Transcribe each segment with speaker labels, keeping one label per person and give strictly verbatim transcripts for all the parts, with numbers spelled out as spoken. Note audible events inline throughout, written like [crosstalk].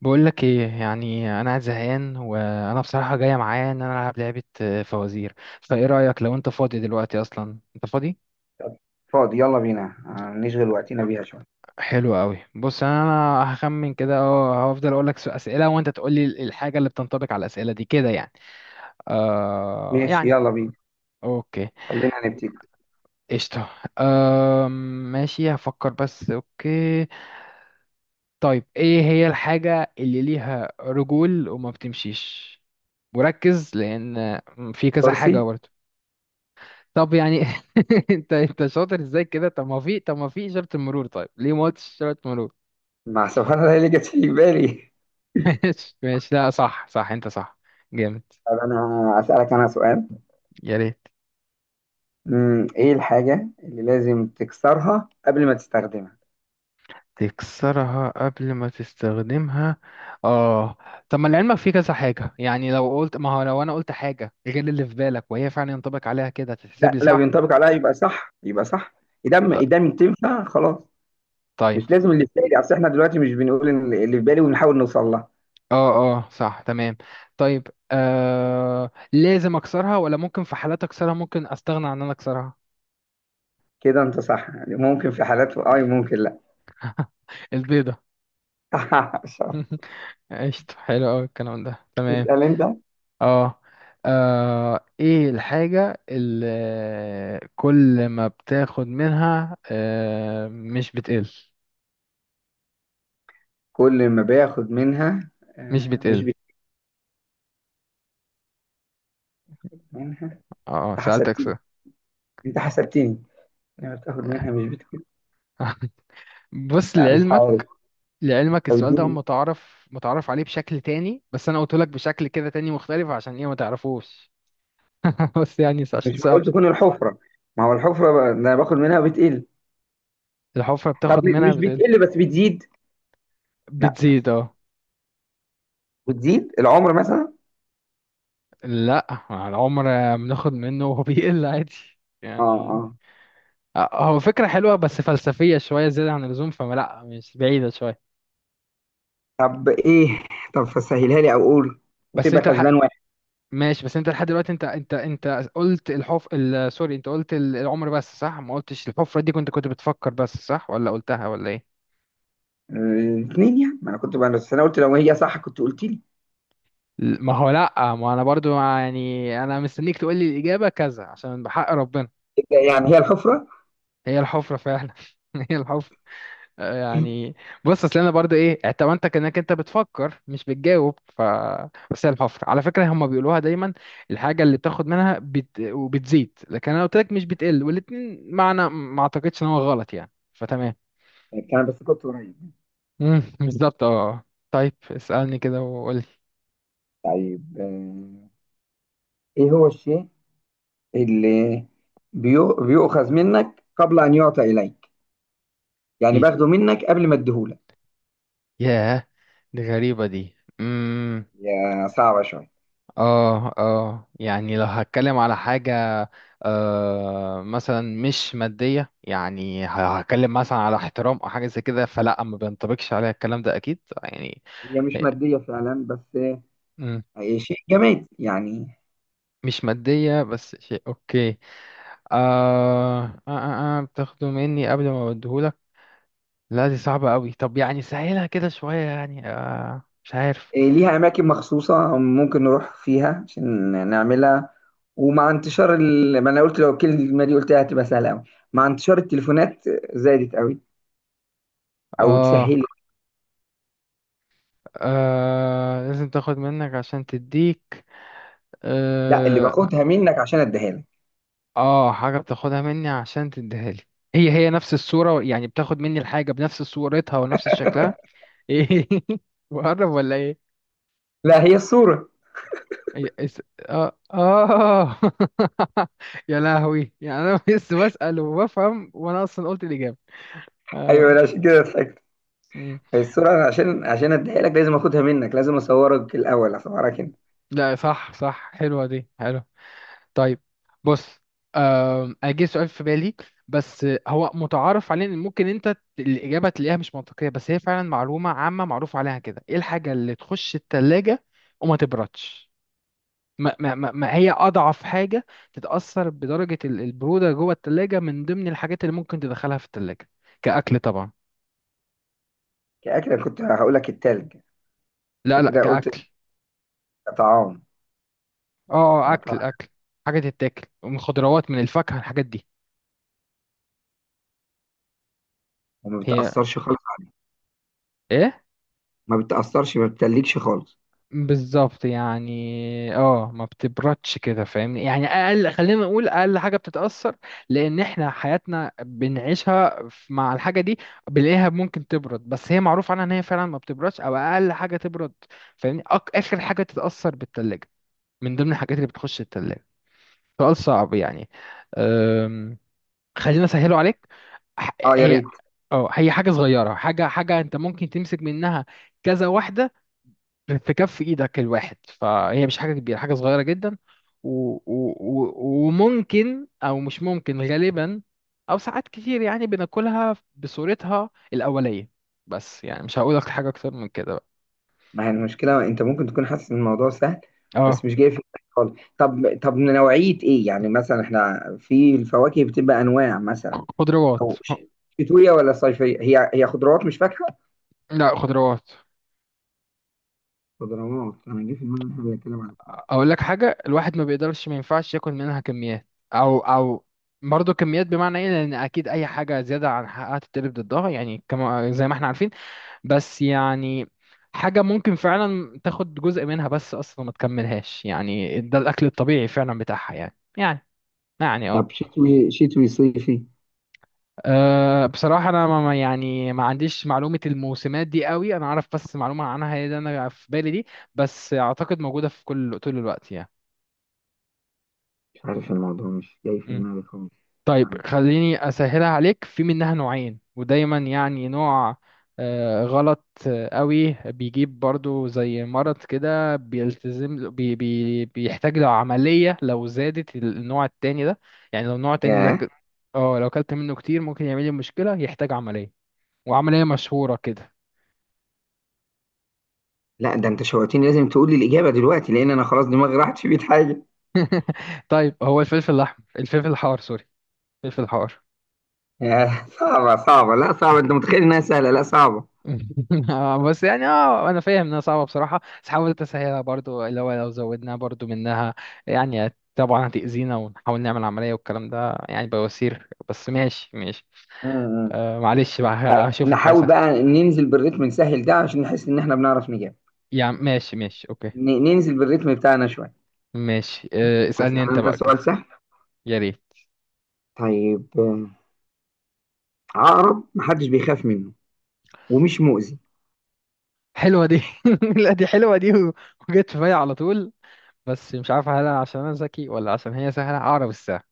Speaker 1: بقول لك ايه يعني انا قاعد زهقان وانا بصراحه جايه معايا ان انا العب لعبه آه، فوازير. فايه رايك لو انت فاضي دلوقتي؟ اصلا انت فاضي.
Speaker 2: طب فاضي يلا بينا آه، نشغل وقتنا بيها شوية.
Speaker 1: حلو قوي، بص انا هخمن كده، اه هفضل اقول لك اسئله وانت تقول لي الحاجه اللي بتنطبق على الاسئله دي كده يعني آه
Speaker 2: ماشي
Speaker 1: يعني.
Speaker 2: يلا بينا،
Speaker 1: اوكي
Speaker 2: خلينا نبتدي.
Speaker 1: قشطه. آه، ماشي هفكر بس اوكي. طيب ايه هي الحاجه اللي ليها رجول وما بتمشيش؟ وركز لان في كذا حاجه
Speaker 2: كرسي.
Speaker 1: برضه. طب يعني [laughs] انت انت شاطر ازاي كده؟ طب ما في طب ما في اشاره المرور. طيب ليه ما قلتش اشاره مرور؟
Speaker 2: مع [laughs] سبحان الله إيه اللي جت في بالي.
Speaker 1: [laughs] ماشي ماشي، لا صح صح، انت صح. جامد.
Speaker 2: طب أنا أسألك أنا سؤال.
Speaker 1: يا ريت.
Speaker 2: مم، إيه الحاجة اللي لازم تكسرها قبل ما تستخدمها؟
Speaker 1: تكسرها قبل ما تستخدمها. اه. طب ما لعلمك في كذا حاجه يعني، لو قلت ما هو لو انا قلت حاجه غير اللي في بالك وهي فعلا ينطبق عليها كده هتتحسب
Speaker 2: لا
Speaker 1: لي
Speaker 2: لو
Speaker 1: صح؟
Speaker 2: ينطبق عليها يبقى صح، يبقى صح. إدام
Speaker 1: ط-
Speaker 2: إدام تنفع خلاص.
Speaker 1: طيب.
Speaker 2: مش لازم اللي في بالي، أصل إحنا دلوقتي مش بنقول إن اللي في بالي ونحاول نوصل لها.
Speaker 1: اه اه صح تمام. طيب آه لازم اكسرها ولا ممكن في حالات اكسرها ممكن استغنى عن ان انا اكسرها؟
Speaker 2: كده أنت صح، يعني ممكن في حالات، أي ممكن لا.
Speaker 1: البيضه.
Speaker 2: [laughs] شاطر.
Speaker 1: [laughs] قشطة. حلو أوي الكلام ده، تمام.
Speaker 2: اسأل أنت.
Speaker 1: اه آه، ايه الحاجة اللي كل ما بتاخد منها آه مش بتقل؟
Speaker 2: كل ما باخد منها
Speaker 1: مش
Speaker 2: آه، مش
Speaker 1: بتقل.
Speaker 2: منها.
Speaker 1: اه آه،
Speaker 2: انت
Speaker 1: سألتك
Speaker 2: حسبتيني،
Speaker 1: سؤال.
Speaker 2: انت حسبتيني لما بتاخد منها مش بتكون؟
Speaker 1: [laughs] بص
Speaker 2: لا مش
Speaker 1: لعلمك.
Speaker 2: عارف.
Speaker 1: لعلمك
Speaker 2: طب
Speaker 1: السؤال ده، هم
Speaker 2: اديني.
Speaker 1: متعرف متعرف عليه بشكل تاني، بس انا قلت لك بشكل كده تاني مختلف، عشان ايه؟ ما تعرفوش. [laughs] بس يعني عشان
Speaker 2: مش
Speaker 1: صعب.
Speaker 2: معقول تكون الحفرة؟ ما هو الحفرة ب- ده انا باخد منها بتقل.
Speaker 1: الحفرة
Speaker 2: طب
Speaker 1: بتاخد
Speaker 2: م-
Speaker 1: منها
Speaker 2: مش
Speaker 1: بتقل.
Speaker 2: بتقل بس بتزيد؟ لا مش
Speaker 1: بتزيد اه.
Speaker 2: بتزيد، العمر مثلا.
Speaker 1: لا، مع العمر بناخد منه وهو بيقل عادي
Speaker 2: اه اه.
Speaker 1: يعني. آه، هو فكرة حلوة بس فلسفية شوية زيادة عن اللزوم، فلا مش بعيدة شوية.
Speaker 2: طب ايه؟ طب فسهلها لي او قول
Speaker 1: بس
Speaker 2: وتبقى
Speaker 1: انت لح...
Speaker 2: كسبان واحد.
Speaker 1: ماشي. بس انت لحد دلوقتي، انت انت انت قلت الحف ال... سوري، انت قلت ال- العمر بس صح، ما قلتش الحفرة دي، كنت كنت بتفكر بس صح، ولا قلتها ولا ايه؟
Speaker 2: الاثنين يعني، ما انا كنت بقى، بس انا قلت لو هي صح كنت قلت لي.
Speaker 1: ل- ما هو لا، ما انا برضو يعني انا مستنيك تقول لي الإجابة كذا عشان بحق ربنا.
Speaker 2: يعني هي الحفرة؟
Speaker 1: هي الحفرة فعلا. [laughs] هي الحفرة يعني. بص اصل انا برضه ايه، اعتمدتك انك انت بتفكر مش بتجاوب، ف بس هي الحفر على فكره هم بيقولوها دايما. الحاجه اللي بتاخد منها بت... وبتزيد، لكن انا قلت لك مش بتقل والاتنين معنى، ما اعتقدش ان هو غلط يعني، فتمام.
Speaker 2: كان بس كنت قريب.
Speaker 1: امم [laughs] بالظبط. اه آه. طيب اسالني كده وقول لي.
Speaker 2: طيب آه، ايه هو الشيء اللي بيو- بيؤخذ منك قبل أن يعطى إليك؟ يعني
Speaker 1: بيت.
Speaker 2: باخده منك قبل ما اديهولك.
Speaker 1: ياه، دي غريبه دي. امم
Speaker 2: هي صعبة شوية.
Speaker 1: اه اه، يعني لو هتكلم على حاجة آه مثلا مش مادية يعني، ه- هتكلم مثلا على احترام او حاجة زي كده، فلا ما بينطبقش عليها الكلام ده اكيد يعني.
Speaker 2: هي مش
Speaker 1: إيه،
Speaker 2: مادية فعلا، بس
Speaker 1: مم،
Speaker 2: هي شيء جماد يعني.
Speaker 1: مش مادية بس شيء، اوكي. آه آه آه آه، بتاخده مني قبل ما بديهولك؟ لا دي صعبة قوي، طب يعني سهلها كده شوية يعني، آه مش عارف.
Speaker 2: ليها أماكن مخصوصة ممكن نروح فيها عشان نعملها، ومع انتشار ال... ما أنا قلت لو الكلمة دي قلتها هتبقى سهلة أوي. مع انتشار التليفونات زادت أوي، أو
Speaker 1: آه.
Speaker 2: تسهل.
Speaker 1: آه لازم تاخد منك عشان تديك.
Speaker 2: لا اللي
Speaker 1: آه.
Speaker 2: باخدها منك عشان أديها لك.
Speaker 1: اه حاجة بتاخدها مني عشان تديها لي. هي هي نفس الصورة، يعني بتاخد مني الحاجة بنفس صورتها ونفس شكلها. ايه؟ [laughs] بقرب ولا ايه؟
Speaker 2: لا هي الصورة.
Speaker 1: هي- اس- اه اه. [laughs] يا لهوي، يعني انا [laughs] بس بسأل وبفهم وانا اصلا قلت الإجابة. اه.
Speaker 2: أيوة أنا عشان كده ضحكت.
Speaker 1: أمم.
Speaker 2: هي الصورة، عشان عشان اديها لك لازم اخدها منك، لازم اصورك الاول، اصورك انت.
Speaker 1: لا صح صح، حلوة دي حلوة. طيب بص. آم، انا جه سؤال في بالي، بس هو متعارف عليه ان ممكن انت ت- الاجابه تلاقيها مش منطقيه، بس هي فعلا معلومه عامه معروف عليها كده. ايه الحاجه اللي تخش التلاجة وما تبردش؟ ما, ما, ما ما هي اضعف حاجه تتاثر بدرجه ال- البروده جوه التلاجة من ضمن الحاجات اللي ممكن تدخلها في التلاجة؟ كاكل طبعا.
Speaker 2: كأكل أنا كنت هقول لك التلج. انت
Speaker 1: لا لا
Speaker 2: كده قلت
Speaker 1: كاكل.
Speaker 2: طعام،
Speaker 1: اه آه، اكل
Speaker 2: طعام.
Speaker 1: اكل، حاجه تتاكل من خضروات من الفاكهه، الحاجات دي.
Speaker 2: وما
Speaker 1: هي
Speaker 2: بتأثرش خالص،
Speaker 1: ايه؟
Speaker 2: ما بتأثرش، ما بتتلجش خالص.
Speaker 1: بالظبط، يعني اه ما بتبردش كده فاهمني يعني، اقل، خلينا نقول اقل حاجه بتتاثر، لان احنا حياتنا بنعيشها ف- مع الحاجه دي، بنلاقيها ممكن تبرد بس هي معروف عنها ان هي فعلا ما بتبردش او اقل حاجه تبرد، فاهمني؟ أك- اخر حاجه تتاثر بالتلاجة من ضمن الحاجات اللي بتخش التلاجة. سؤال صعب يعني. أم، خلينا اسهله عليك. ح-
Speaker 2: اه يا
Speaker 1: هي،
Speaker 2: ريت.
Speaker 1: اه هي حاجه صغيره، حاجه، حاجه انت ممكن تمسك منها كذا واحده في كف ايدك الواحد، فهي مش حاجه كبيره، حاجه صغيره جدا. و... و... و... وممكن او مش ممكن غالبا، او ساعات كتير يعني بناكلها بصورتها الاوليه، بس يعني مش هقول لك حاجه اكتر من كده بقى.
Speaker 2: ما هي المشكلة انت ممكن تكون حاسس ان الموضوع سهل بس
Speaker 1: اه.
Speaker 2: مش جاي في دماغك خالص. طب طب نوعية ايه؟ يعني مثلا احنا في الفواكه بتبقى انواع مثلا،
Speaker 1: خضروات.
Speaker 2: او ش- شتوية ولا صيفية؟ هي هي خضروات مش فاكهة؟
Speaker 1: لا خضروات.
Speaker 2: خضروات انا جه في دماغي إن إحنا بنتكلم عن.
Speaker 1: اقول لك حاجه، الواحد ما بيقدرش، ما ينفعش ياكل منها كميات، او او برضه كميات، بمعنى ايه؟ لان اكيد اي حاجه زياده عن حقها تتقلب ضدها يعني، كما زي ما احنا عارفين. بس يعني حاجة ممكن فعلا تاخد جزء منها بس أصلا ما تكملهاش، يعني ده الأكل الطبيعي فعلا بتاعها يعني يعني يعني اه.
Speaker 2: طب شتوي شتوي صيفي.
Speaker 1: أه بصراحة أنا ما ما- يعني ما عنديش معلومة الموسمات دي قوي، أنا أعرف بس معلومة عنها هي اللي أنا في بالي دي، بس أعتقد موجودة في كل طول الوقت
Speaker 2: مش عارف الموضوع مش جاي في
Speaker 1: يعني.
Speaker 2: دماغي خالص.
Speaker 1: طيب
Speaker 2: مش عارف.
Speaker 1: خليني أسهلها عليك. في منها نوعين، ودايما يعني نوع آه، غلط آه، قوي بيجيب برضو زي مرض كده، بيلتزم له- بي بي بيحتاج له عملية لو زادت النوع التاني ده، يعني لو النوع التاني ده
Speaker 2: ياه.
Speaker 1: ك- اه لو كلت منه كتير ممكن يعمل لي مشكلة، يحتاج عملية، وعملية مشهورة كده.
Speaker 2: لا ده انت شوقتني، لازم تقول لي الاجابه دلوقتي لان انا خلاص دماغي راحت في مائة حاجه.
Speaker 1: [laughs] طيب هو الفلفل الأحمر، الفلفل الحار، سوري، الفلفل الحار.
Speaker 2: ياه صعبه صعبه، لا صعبه، انت متخيل انها سهله، لا صعبه.
Speaker 1: [laughs] آه، بس يعني اه انا فاهم انها صعبه بصراحه، بس حاولت اسهلها برضو اللي هو لو زودنا برضو منها يعني طبعا هتأذينا، ونحاول نعمل عمليه والكلام ده يعني، بواسير، بس ماشي ماشي.
Speaker 2: امم.
Speaker 1: آه معلش بقى، ه-
Speaker 2: بقى
Speaker 1: هشوف لك حاجه
Speaker 2: نحاول
Speaker 1: سهله
Speaker 2: بقى ننزل بالريتم، نسهل ده عشان نحس ان احنا بنعرف نجاوب.
Speaker 1: يعني، ماشي ماشي اوكي.
Speaker 2: ن- ننزل بالريتم بتاعنا شويه.
Speaker 1: ماشي آه،
Speaker 2: هسأل
Speaker 1: اسألني انت
Speaker 2: انا
Speaker 1: بقى كده.
Speaker 2: سؤال سهل.
Speaker 1: يا ريت.
Speaker 2: طيب آه، عقرب محدش بيخاف منه ومش مؤذي.
Speaker 1: حلوه دي. [laughs] لا دي حلوه، دي و- وجت في بالي على طول، بس مش عارف هل عشان انا ذكي ولا عشان هي سهله. اعرف الساعه.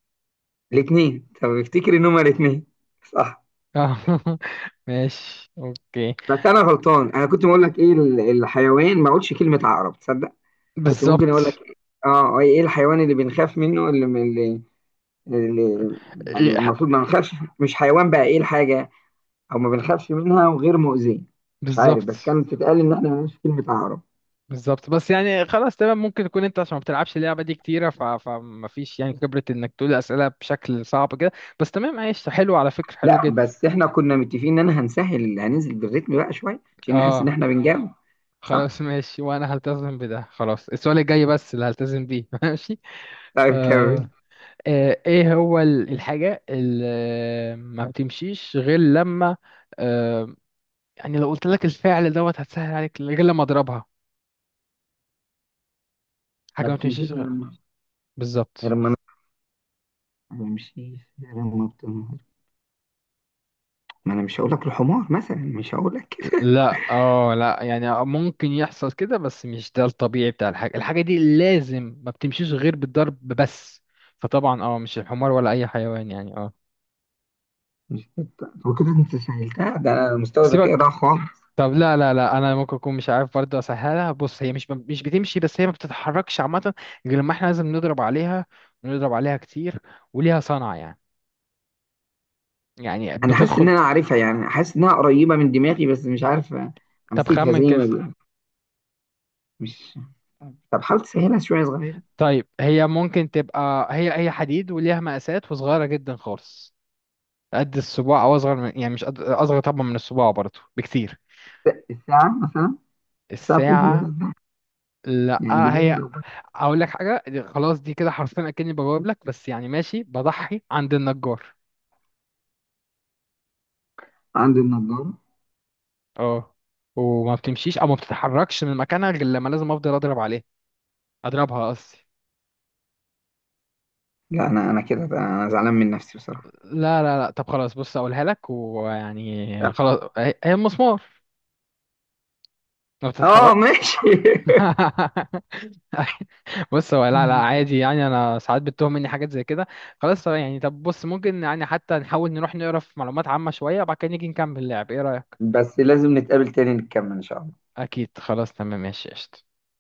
Speaker 2: الاثنين، طب افتكر ان هما الاثنين صح.
Speaker 1: [laughs] ماشي اوكي.
Speaker 2: بس انا غلطان، انا كنت بقول لك ايه ال- الحيوان، ما اقولش كلمه عقرب تصدق. كنت ممكن
Speaker 1: بالظبط
Speaker 2: اقول لك إيه؟ اه ايه الحيوان اللي بنخاف منه اللي, اللي, اللي يعني المفروض ما نخافش، مش حيوان بقى، ايه الحاجه او ما بنخافش منها وغير مؤذيه؟ مش عارف،
Speaker 1: بالظبط
Speaker 2: بس كانت تتقال ان احنا ما نقولش كلمه عقرب.
Speaker 1: بالظبط، بس يعني خلاص تمام. ممكن تكون انت عشان ما بتلعبش اللعبه دي كتيره، ف... فما فيش يعني خبره انك تقول اسئله بشكل صعب كده، بس تمام عايش، حلو على فكره، حلو
Speaker 2: لا
Speaker 1: جدا.
Speaker 2: بس احنا كنا متفقين ان انا هنسهل، هننزل بالريتم بقى شويه عشان نحس ان
Speaker 1: اه
Speaker 2: احنا بنجاوب. صح.
Speaker 1: خلاص ماشي، وانا هلتزم بده خلاص، السؤال الجاي بس اللي هلتزم بيه [laughs] ماشي.
Speaker 2: طيب كمل.
Speaker 1: آه. آه. ايه هو ال- الحاجه اللي ما بتمشيش غير لما آه. يعني لو قلت لك الفعل دوت هتسهل عليك، غير لما اضربها،
Speaker 2: ما
Speaker 1: حاجه ما
Speaker 2: بتمشيش
Speaker 1: بتمشيش
Speaker 2: غير
Speaker 1: غير.
Speaker 2: لما، غير
Speaker 1: بالظبط.
Speaker 2: ما، ما بمشيش غير ما بتنهار. ما انا مش هقول لك الحمار مثلا، مش هقول لك.
Speaker 1: لا اه لا، يعني ممكن يحصل كده بس مش ده الطبيعي بتاع الحاجة، الحاجة دي لازم ما بتمشيش غير بالضرب بس، فطبعا اه مش الحمار ولا اي حيوان يعني اه.
Speaker 2: مش ستة هو كده انت سهلتها، ده انا مستوى ذكائي
Speaker 1: سيبك.
Speaker 2: ضاع خالص.
Speaker 1: طب لا لا لا انا ممكن اكون مش عارف برضه اسهلها، بص هي مش مش بتمشي، بس هي ما بتتحركش عامة غير لما احنا لازم نضرب عليها ونضرب عليها كتير، وليها صنع يعني، يعني
Speaker 2: انا حاسس ان
Speaker 1: بتدخل.
Speaker 2: انا عارفها، يعني حاسس انها قريبة من دماغي بس مش عارف
Speaker 1: طب
Speaker 2: امسكها
Speaker 1: خمن
Speaker 2: زي
Speaker 1: كده.
Speaker 2: ما بيقولوا. مش. طب حاول تسهلها شوية صغيرة.
Speaker 1: طيب هي ممكن تبقى هي هي حديد، وليها مقاسات وصغيرة جدا خالص، قد الصباع او اصغر من يعني مش قد، اصغر طبعا من الصباع برضه بكتير.
Speaker 2: الساعة مثلا. الساعة بتمشي
Speaker 1: الساعه.
Speaker 2: بالإصبع،
Speaker 1: لا.
Speaker 2: يعني دي
Speaker 1: هي،
Speaker 2: لو بقى.
Speaker 1: اقول لك حاجه، دي- خلاص دي كده حرفيا اكني بجاوب لك بس يعني ماشي، بضحي عند النجار.
Speaker 2: عندي النضارة.
Speaker 1: اه. وما بتمشيش او ما بتتحركش من مكانها غير لما لازم افضل اضرب عليه، اضربها قصدي.
Speaker 2: لا أنا أنا كده أنا زعلان من نفسي بصراحة.
Speaker 1: لا لا لا طب خلاص، بص اقولها لك ويعني خلاص، هي هي المسمار، ما
Speaker 2: آه
Speaker 1: بتتحركش.
Speaker 2: ماشي. [laughs]
Speaker 1: [laughs] [laughs] بص هو لا لا عادي يعني، انا ساعات بتتوه مني حاجات زي كده. خلاص طب يعني، طب بص ممكن يعني حتى نحاول نروح نقرا في معلومات عامة شوية وبعد كده نيجي نكمل اللعب، ايه رأيك؟
Speaker 2: بس لازم نتقابل تاني نكمل إن شاء الله.
Speaker 1: اكيد خلاص تمام ماشي قشطة.